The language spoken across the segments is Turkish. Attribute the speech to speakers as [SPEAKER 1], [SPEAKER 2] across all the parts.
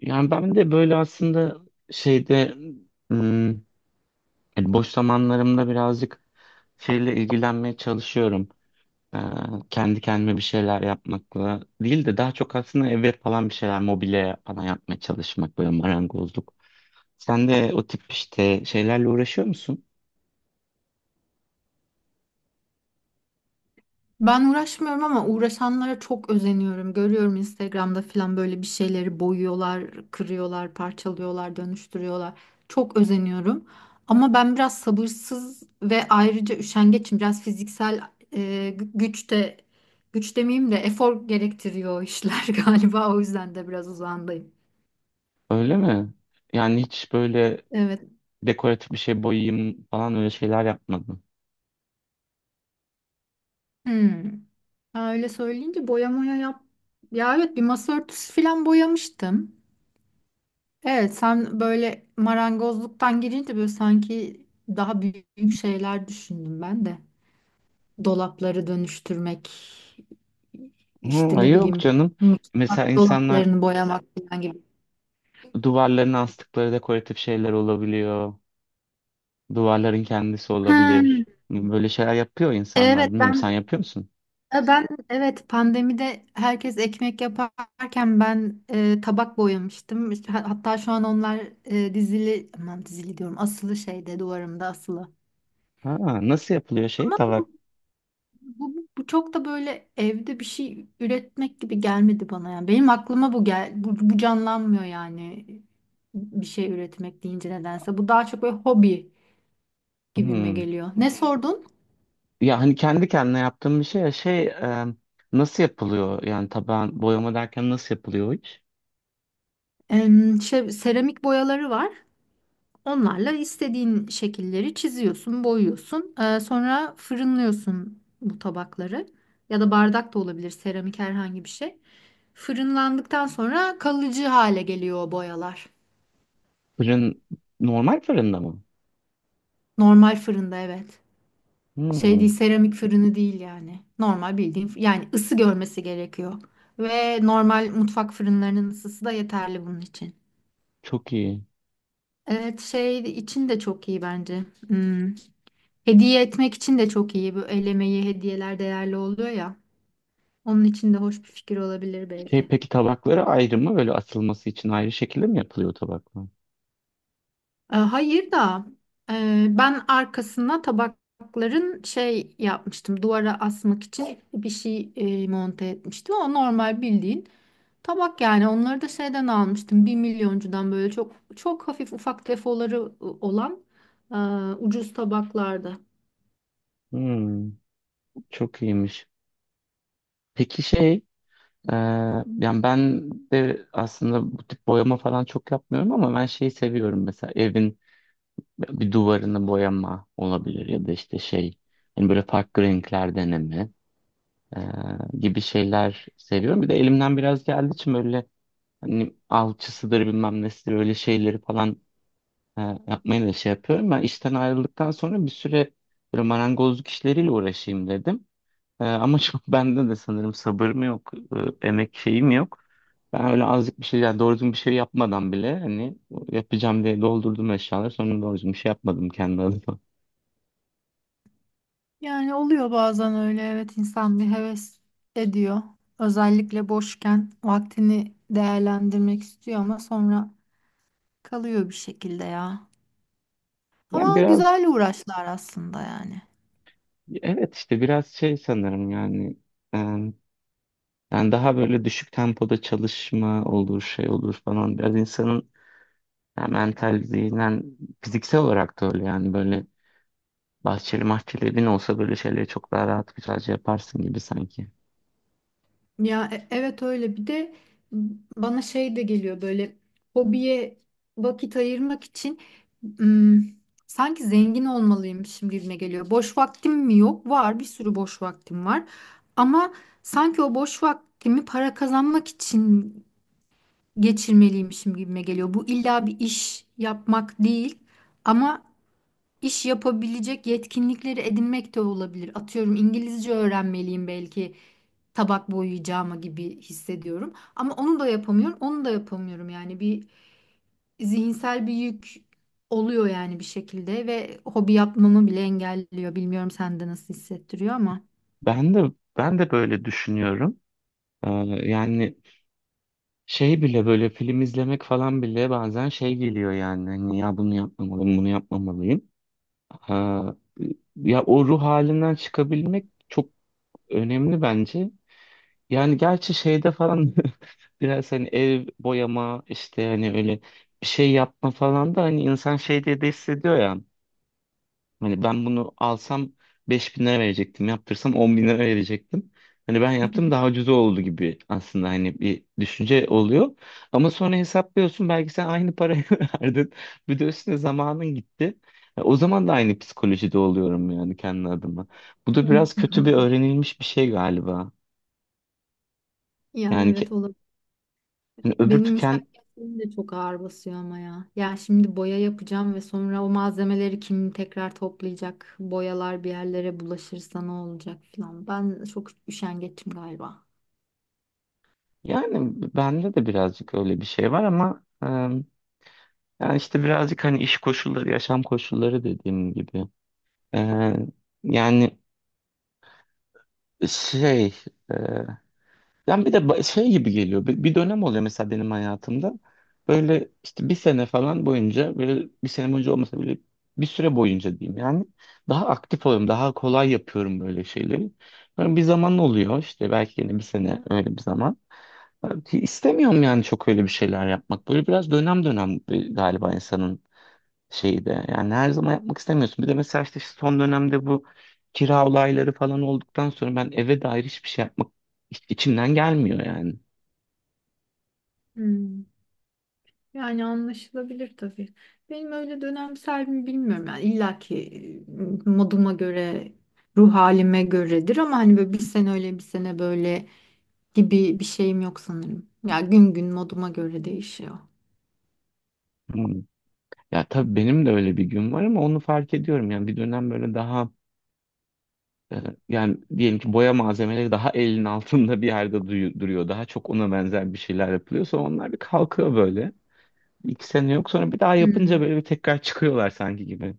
[SPEAKER 1] Yani ben de böyle aslında şeyde hmm, hani boş zamanlarımda birazcık şeyle ilgilenmeye çalışıyorum. Ee, kendi kendime bir şeyler yapmakla değil de daha çok aslında eve falan bir şeyler mobilya falan yapmaya çalışmak böyle marangozluk. Sen de o tip işte şeylerle uğraşıyor musun?
[SPEAKER 2] Ben uğraşmıyorum ama uğraşanlara çok özeniyorum. Görüyorum Instagram'da falan böyle bir şeyleri boyuyorlar, kırıyorlar, parçalıyorlar, dönüştürüyorlar. Çok özeniyorum. Ama ben biraz sabırsız ve ayrıca üşengeçim. Biraz fiziksel e, güç de güç demeyeyim de efor gerektiriyor o işler galiba. O yüzden de biraz uzağındayım.
[SPEAKER 1] Öyle mi? Yani hiç böyle
[SPEAKER 2] Evet.
[SPEAKER 1] dekoratif bir şey boyayayım falan öyle şeyler yapmadın.
[SPEAKER 2] Hmm. Ha, öyle söyleyince boya moya yap. Ya evet, bir masa örtüsü falan boyamıştım. Evet, sen böyle marangozluktan girince böyle sanki daha büyük şeyler düşündüm ben de. Dolapları dönüştürmek, işte
[SPEAKER 1] Hı,
[SPEAKER 2] ne
[SPEAKER 1] yok
[SPEAKER 2] bileyim
[SPEAKER 1] canım. Mesela
[SPEAKER 2] mutfak
[SPEAKER 1] insanlar
[SPEAKER 2] dolaplarını boyamak falan gibi.
[SPEAKER 1] duvarlarına astıkları dekoratif şeyler olabiliyor. Duvarların kendisi
[SPEAKER 2] Ha,
[SPEAKER 1] olabilir. Böyle şeyler yapıyor insanlar.
[SPEAKER 2] evet
[SPEAKER 1] Bilmiyorum sen
[SPEAKER 2] ben
[SPEAKER 1] yapıyor musun?
[SPEAKER 2] ben evet pandemide herkes ekmek yaparken ben, tabak boyamıştım. İşte hatta şu an onlar dizili, aman dizili diyorum, asılı şeyde, duvarımda asılı.
[SPEAKER 1] Ha, nasıl yapılıyor şey
[SPEAKER 2] Ama
[SPEAKER 1] tabak?
[SPEAKER 2] bu Bu çok da böyle evde bir şey üretmek gibi gelmedi bana yani. Benim aklıma bu canlanmıyor yani bir şey üretmek deyince nedense. Bu daha çok böyle hobi gibime
[SPEAKER 1] Hmm.
[SPEAKER 2] geliyor. Ne sordun?
[SPEAKER 1] Ya hani kendi kendine yaptığım bir şey ya şey nasıl yapılıyor? Yani taban boyama derken nasıl yapılıyor o iş?
[SPEAKER 2] Şey, seramik boyaları var. Onlarla istediğin şekilleri çiziyorsun, boyuyorsun. Sonra fırınlıyorsun bu tabakları. Ya da bardak da olabilir, seramik herhangi bir şey. Fırınlandıktan sonra kalıcı hale geliyor o boyalar.
[SPEAKER 1] Fırın normal fırında mı?
[SPEAKER 2] Normal fırında evet. Şey değil,
[SPEAKER 1] Hmm,
[SPEAKER 2] seramik fırını değil yani. Normal bildiğin, yani ısı görmesi gerekiyor. Ve normal mutfak fırınlarının ısısı da yeterli bunun için.
[SPEAKER 1] çok iyi.
[SPEAKER 2] Evet, şey için de çok iyi bence. Hmm. Hediye etmek için de çok iyi. Bu el emeği hediyeler değerli oluyor ya. Onun için de hoş bir fikir olabilir
[SPEAKER 1] Şey,
[SPEAKER 2] belki.
[SPEAKER 1] peki tabakları ayrı mı? Böyle asılması için ayrı şekilde mi yapılıyor tabaklar?
[SPEAKER 2] E, hayır da ben arkasına tabakların şey yapmıştım. Duvara asmak için bir şey monte etmiştim. O normal bildiğin. Tabak, yani onları da şeyden almıştım. Bir milyoncudan, böyle çok çok hafif ufak defoları olan, e, ucuz tabaklarda.
[SPEAKER 1] Hmm, çok iyiymiş. Peki Ee, yani ben de aslında bu tip boyama falan çok yapmıyorum ama ben şeyi seviyorum, mesela evin bir duvarını boyama olabilir ya da işte hani böyle farklı renkler deneme ee, gibi şeyler seviyorum. Bir de elimden biraz geldiği için böyle hani alçısıdır bilmem nesidir öyle şeyleri falan yapmayı da şey yapıyorum. Ben işten ayrıldıktan sonra bir süre böyle marangozluk işleriyle uğraşayım dedim. Ama çok bende de sanırım sabır mı yok, emek şeyim yok. Ben öyle azıcık bir şey, yani doğru düzgün bir şey yapmadan bile hani yapacağım diye doldurdum eşyaları. Sonra doğru düzgün bir şey yapmadım kendi adıma.
[SPEAKER 2] Yani oluyor bazen öyle, evet, insan bir heves ediyor. Özellikle boşken vaktini değerlendirmek istiyor ama sonra kalıyor bir şekilde ya.
[SPEAKER 1] Yani
[SPEAKER 2] Ama
[SPEAKER 1] biraz,
[SPEAKER 2] güzel uğraşlar aslında yani.
[SPEAKER 1] evet, işte biraz şey sanırım yani. e, yani daha böyle düşük tempoda çalışma olur, şey olur falan. Biraz insanın yani mental, zihnen, fiziksel olarak da öyle yani böyle bahçeli mahçeli evin olsa böyle şeyleri çok daha rahat güzelce yaparsın gibi sanki.
[SPEAKER 2] Ya evet öyle, bir de bana şey de geliyor böyle: hobiye vakit ayırmak için, ım, sanki zengin olmalıymışım gibime geliyor. Boş vaktim mi yok? Var, bir sürü boş vaktim var ama sanki o boş vaktimi para kazanmak için geçirmeliymişim gibime geliyor. Bu illa bir iş yapmak değil ama iş yapabilecek yetkinlikleri edinmek de olabilir. Atıyorum, İngilizce öğrenmeliyim belki tabak boyayacağıma gibi hissediyorum. Ama onu da yapamıyorum, onu da yapamıyorum. Yani bir zihinsel bir yük oluyor yani bir şekilde ve hobi yapmamı bile engelliyor. Bilmiyorum sende nasıl hissettiriyor ama.
[SPEAKER 1] Ben de ben de böyle düşünüyorum. Ee, yani şey bile böyle film izlemek falan bile bazen şey geliyor yani. Hani ya bunu yapmamalıyım, bunu yapmamalıyım. Ha, ya o ruh halinden çıkabilmek çok önemli bence. Yani gerçi şeyde falan biraz hani ev boyama işte hani öyle bir şey yapma falan da hani insan şey diye de hissediyor ya. Hani ben bunu alsam 5.000 lira verecektim. Yaptırsam 10 bin lira verecektim. Hani ben yaptım, daha ucuz oldu gibi aslında hani bir düşünce oluyor. Ama sonra hesaplıyorsun, belki sen aynı parayı verdin. Bir de üstüne zamanın gitti. Ya o zaman da aynı psikolojide oluyorum yani kendi adıma. Bu da biraz kötü, bir öğrenilmiş bir şey galiba.
[SPEAKER 2] Ya
[SPEAKER 1] Yani
[SPEAKER 2] evet,
[SPEAKER 1] ki,
[SPEAKER 2] olur.
[SPEAKER 1] hani öbür
[SPEAKER 2] Benim
[SPEAKER 1] tüken,
[SPEAKER 2] müşavirlerim de çok ağır basıyor ama ya. Ya şimdi boya yapacağım ve sonra o malzemeleri kim tekrar toplayacak? Boyalar bir yerlere bulaşırsa ne olacak falan. Ben çok üşengeçim galiba.
[SPEAKER 1] yani bende de birazcık öyle bir şey var ama yani işte birazcık hani iş koşulları, yaşam koşulları dediğim gibi. Ee, yani şey e, yani bir de şey gibi geliyor, bir dönem oluyor mesela benim hayatımda, böyle işte bir sene falan boyunca, böyle bir sene boyunca olmasa bile bir süre boyunca diyeyim yani, daha aktif oluyorum, daha kolay yapıyorum böyle şeyleri. Böyle bir zaman oluyor işte, belki yine bir sene öyle bir zaman. Ki istemiyorum yani çok öyle bir şeyler yapmak, böyle biraz dönem dönem galiba insanın şeyi de. Yani her zaman yapmak istemiyorsun. Bir de mesela işte son dönemde bu kira olayları falan olduktan sonra ben eve dair hiçbir şey yapmak içimden gelmiyor yani.
[SPEAKER 2] Hmm. Yani anlaşılabilir tabii. Benim öyle dönemsel mi bilmiyorum. Yani illa ki moduma göre, ruh halime göredir ama hani böyle bir sene öyle, bir sene böyle gibi bir şeyim yok sanırım. Ya gün gün moduma göre değişiyor.
[SPEAKER 1] Hmm. Ya tabii benim de öyle bir gün var ama onu fark ediyorum. Yani bir dönem böyle daha e, yani diyelim ki boya malzemeleri daha elin altında bir yerde duruyor. Daha çok ona benzer bir şeyler yapılıyor. Sonra onlar bir kalkıyor böyle. 2 sene yok, sonra bir daha yapınca
[SPEAKER 2] Hmm.
[SPEAKER 1] böyle bir tekrar çıkıyorlar sanki gibi.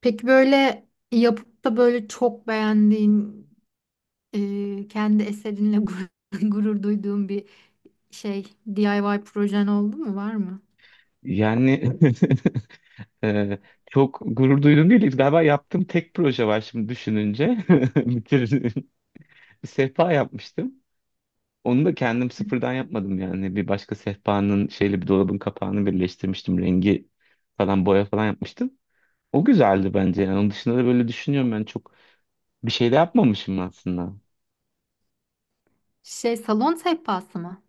[SPEAKER 2] Peki böyle yapıp da böyle çok beğendiğin, kendi eserinle gurur, gurur duyduğun bir şey, DIY projen oldu mu, var mı?
[SPEAKER 1] Yani Ee, çok gurur duyduğum değil. Galiba yaptığım tek proje var şimdi düşününce. Bitirdim. Bir sehpa yapmıştım. Onu da kendim sıfırdan yapmadım yani. Bir başka sehpanın şeyle bir dolabın kapağını birleştirmiştim. Rengi falan, boya falan yapmıştım. O güzeldi bence yani. Onun dışında da böyle düşünüyorum, ben çok bir şey de yapmamışım aslında.
[SPEAKER 2] Şey, salon sehpası mı?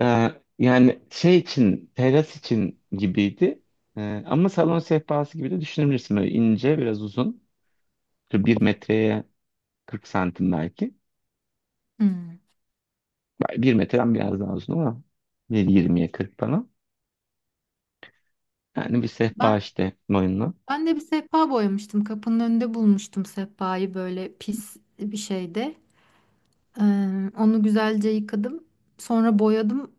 [SPEAKER 1] Ee, yani şey için teras için gibiydi. Ama salon sehpası gibi de düşünebilirsin. Böyle ince, biraz uzun. Bir metreye 40 santim belki.
[SPEAKER 2] Hmm.
[SPEAKER 1] Yani bir metreden biraz daha uzun ama 1,20'ye 40 bana. Yani bir sehpa
[SPEAKER 2] Ben
[SPEAKER 1] işte, boyunla.
[SPEAKER 2] Ben de bir sehpa boyamıştım. Kapının önünde bulmuştum sehpayı, böyle pis bir şeyde. Onu güzelce yıkadım. Sonra boyadım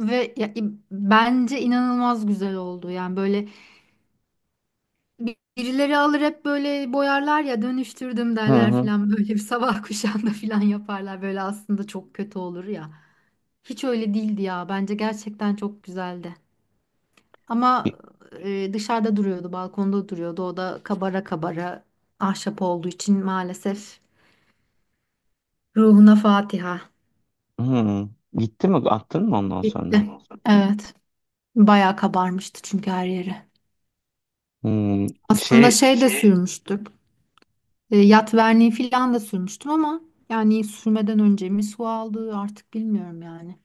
[SPEAKER 2] ve bence inanılmaz güzel oldu. Yani böyle birileri alır, hep böyle boyarlar ya, dönüştürdüm
[SPEAKER 1] Hı
[SPEAKER 2] derler
[SPEAKER 1] hı.
[SPEAKER 2] falan, böyle bir sabah kuşağında falan yaparlar. Böyle aslında çok kötü olur ya. Hiç öyle değildi ya. Bence gerçekten çok güzeldi. Ama dışarıda duruyordu, balkonda duruyordu. O da kabara kabara, ahşap olduğu için maalesef, ruhuna Fatiha.
[SPEAKER 1] Hı. Gitti mi? Attın mı ondan sonra?
[SPEAKER 2] Gitti. Evet. Bayağı kabarmıştı çünkü her yeri.
[SPEAKER 1] Hmm,
[SPEAKER 2] Aslında
[SPEAKER 1] Şey
[SPEAKER 2] şey de Şey, sürmüştük. E, yat verniği falan da sürmüştüm ama yani sürmeden önce mi su aldı artık bilmiyorum yani.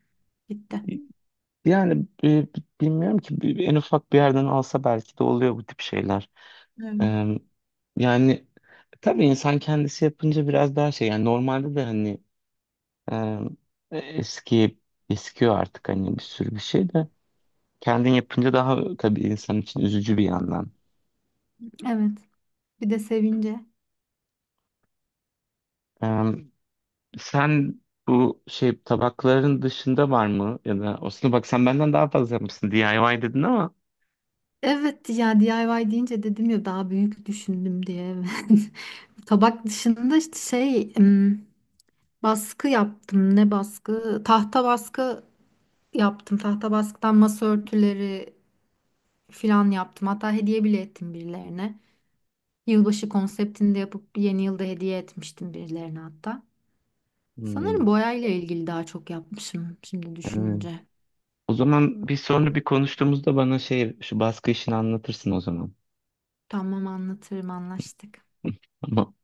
[SPEAKER 2] Gitti.
[SPEAKER 1] yani bilmiyorum ki, en ufak bir yerden alsa belki de oluyor bu tip şeyler.
[SPEAKER 2] Evet.
[SPEAKER 1] Ee, yani tabii insan kendisi yapınca biraz daha şey yani, normalde de hani e, eski eskiyor artık hani bir sürü bir şey de, kendin yapınca daha tabii insan için üzücü bir yandan.
[SPEAKER 2] Evet. Bir de sevince.
[SPEAKER 1] Sen bu şey tabakların dışında var mı? Ya da aslında bak, sen benden daha fazla yapmışsın, DIY dedin ama.
[SPEAKER 2] Evet ya, DIY deyince dedim ya daha büyük düşündüm diye. Tabak dışında işte şey, baskı yaptım. Ne baskı? Tahta baskı yaptım. Tahta baskıdan masa örtüleri filan yaptım. Hatta hediye bile ettim birilerine. Yılbaşı konseptinde yapıp yeni yılda hediye etmiştim birilerine hatta.
[SPEAKER 1] Hmm,
[SPEAKER 2] Sanırım boyayla ilgili daha çok yapmışım şimdi
[SPEAKER 1] evet.
[SPEAKER 2] düşününce.
[SPEAKER 1] O zaman bir sonra bir konuştuğumuzda bana şu baskı işini anlatırsın o zaman.
[SPEAKER 2] Tamam, anlatırım, anlaştık.
[SPEAKER 1] Tamam.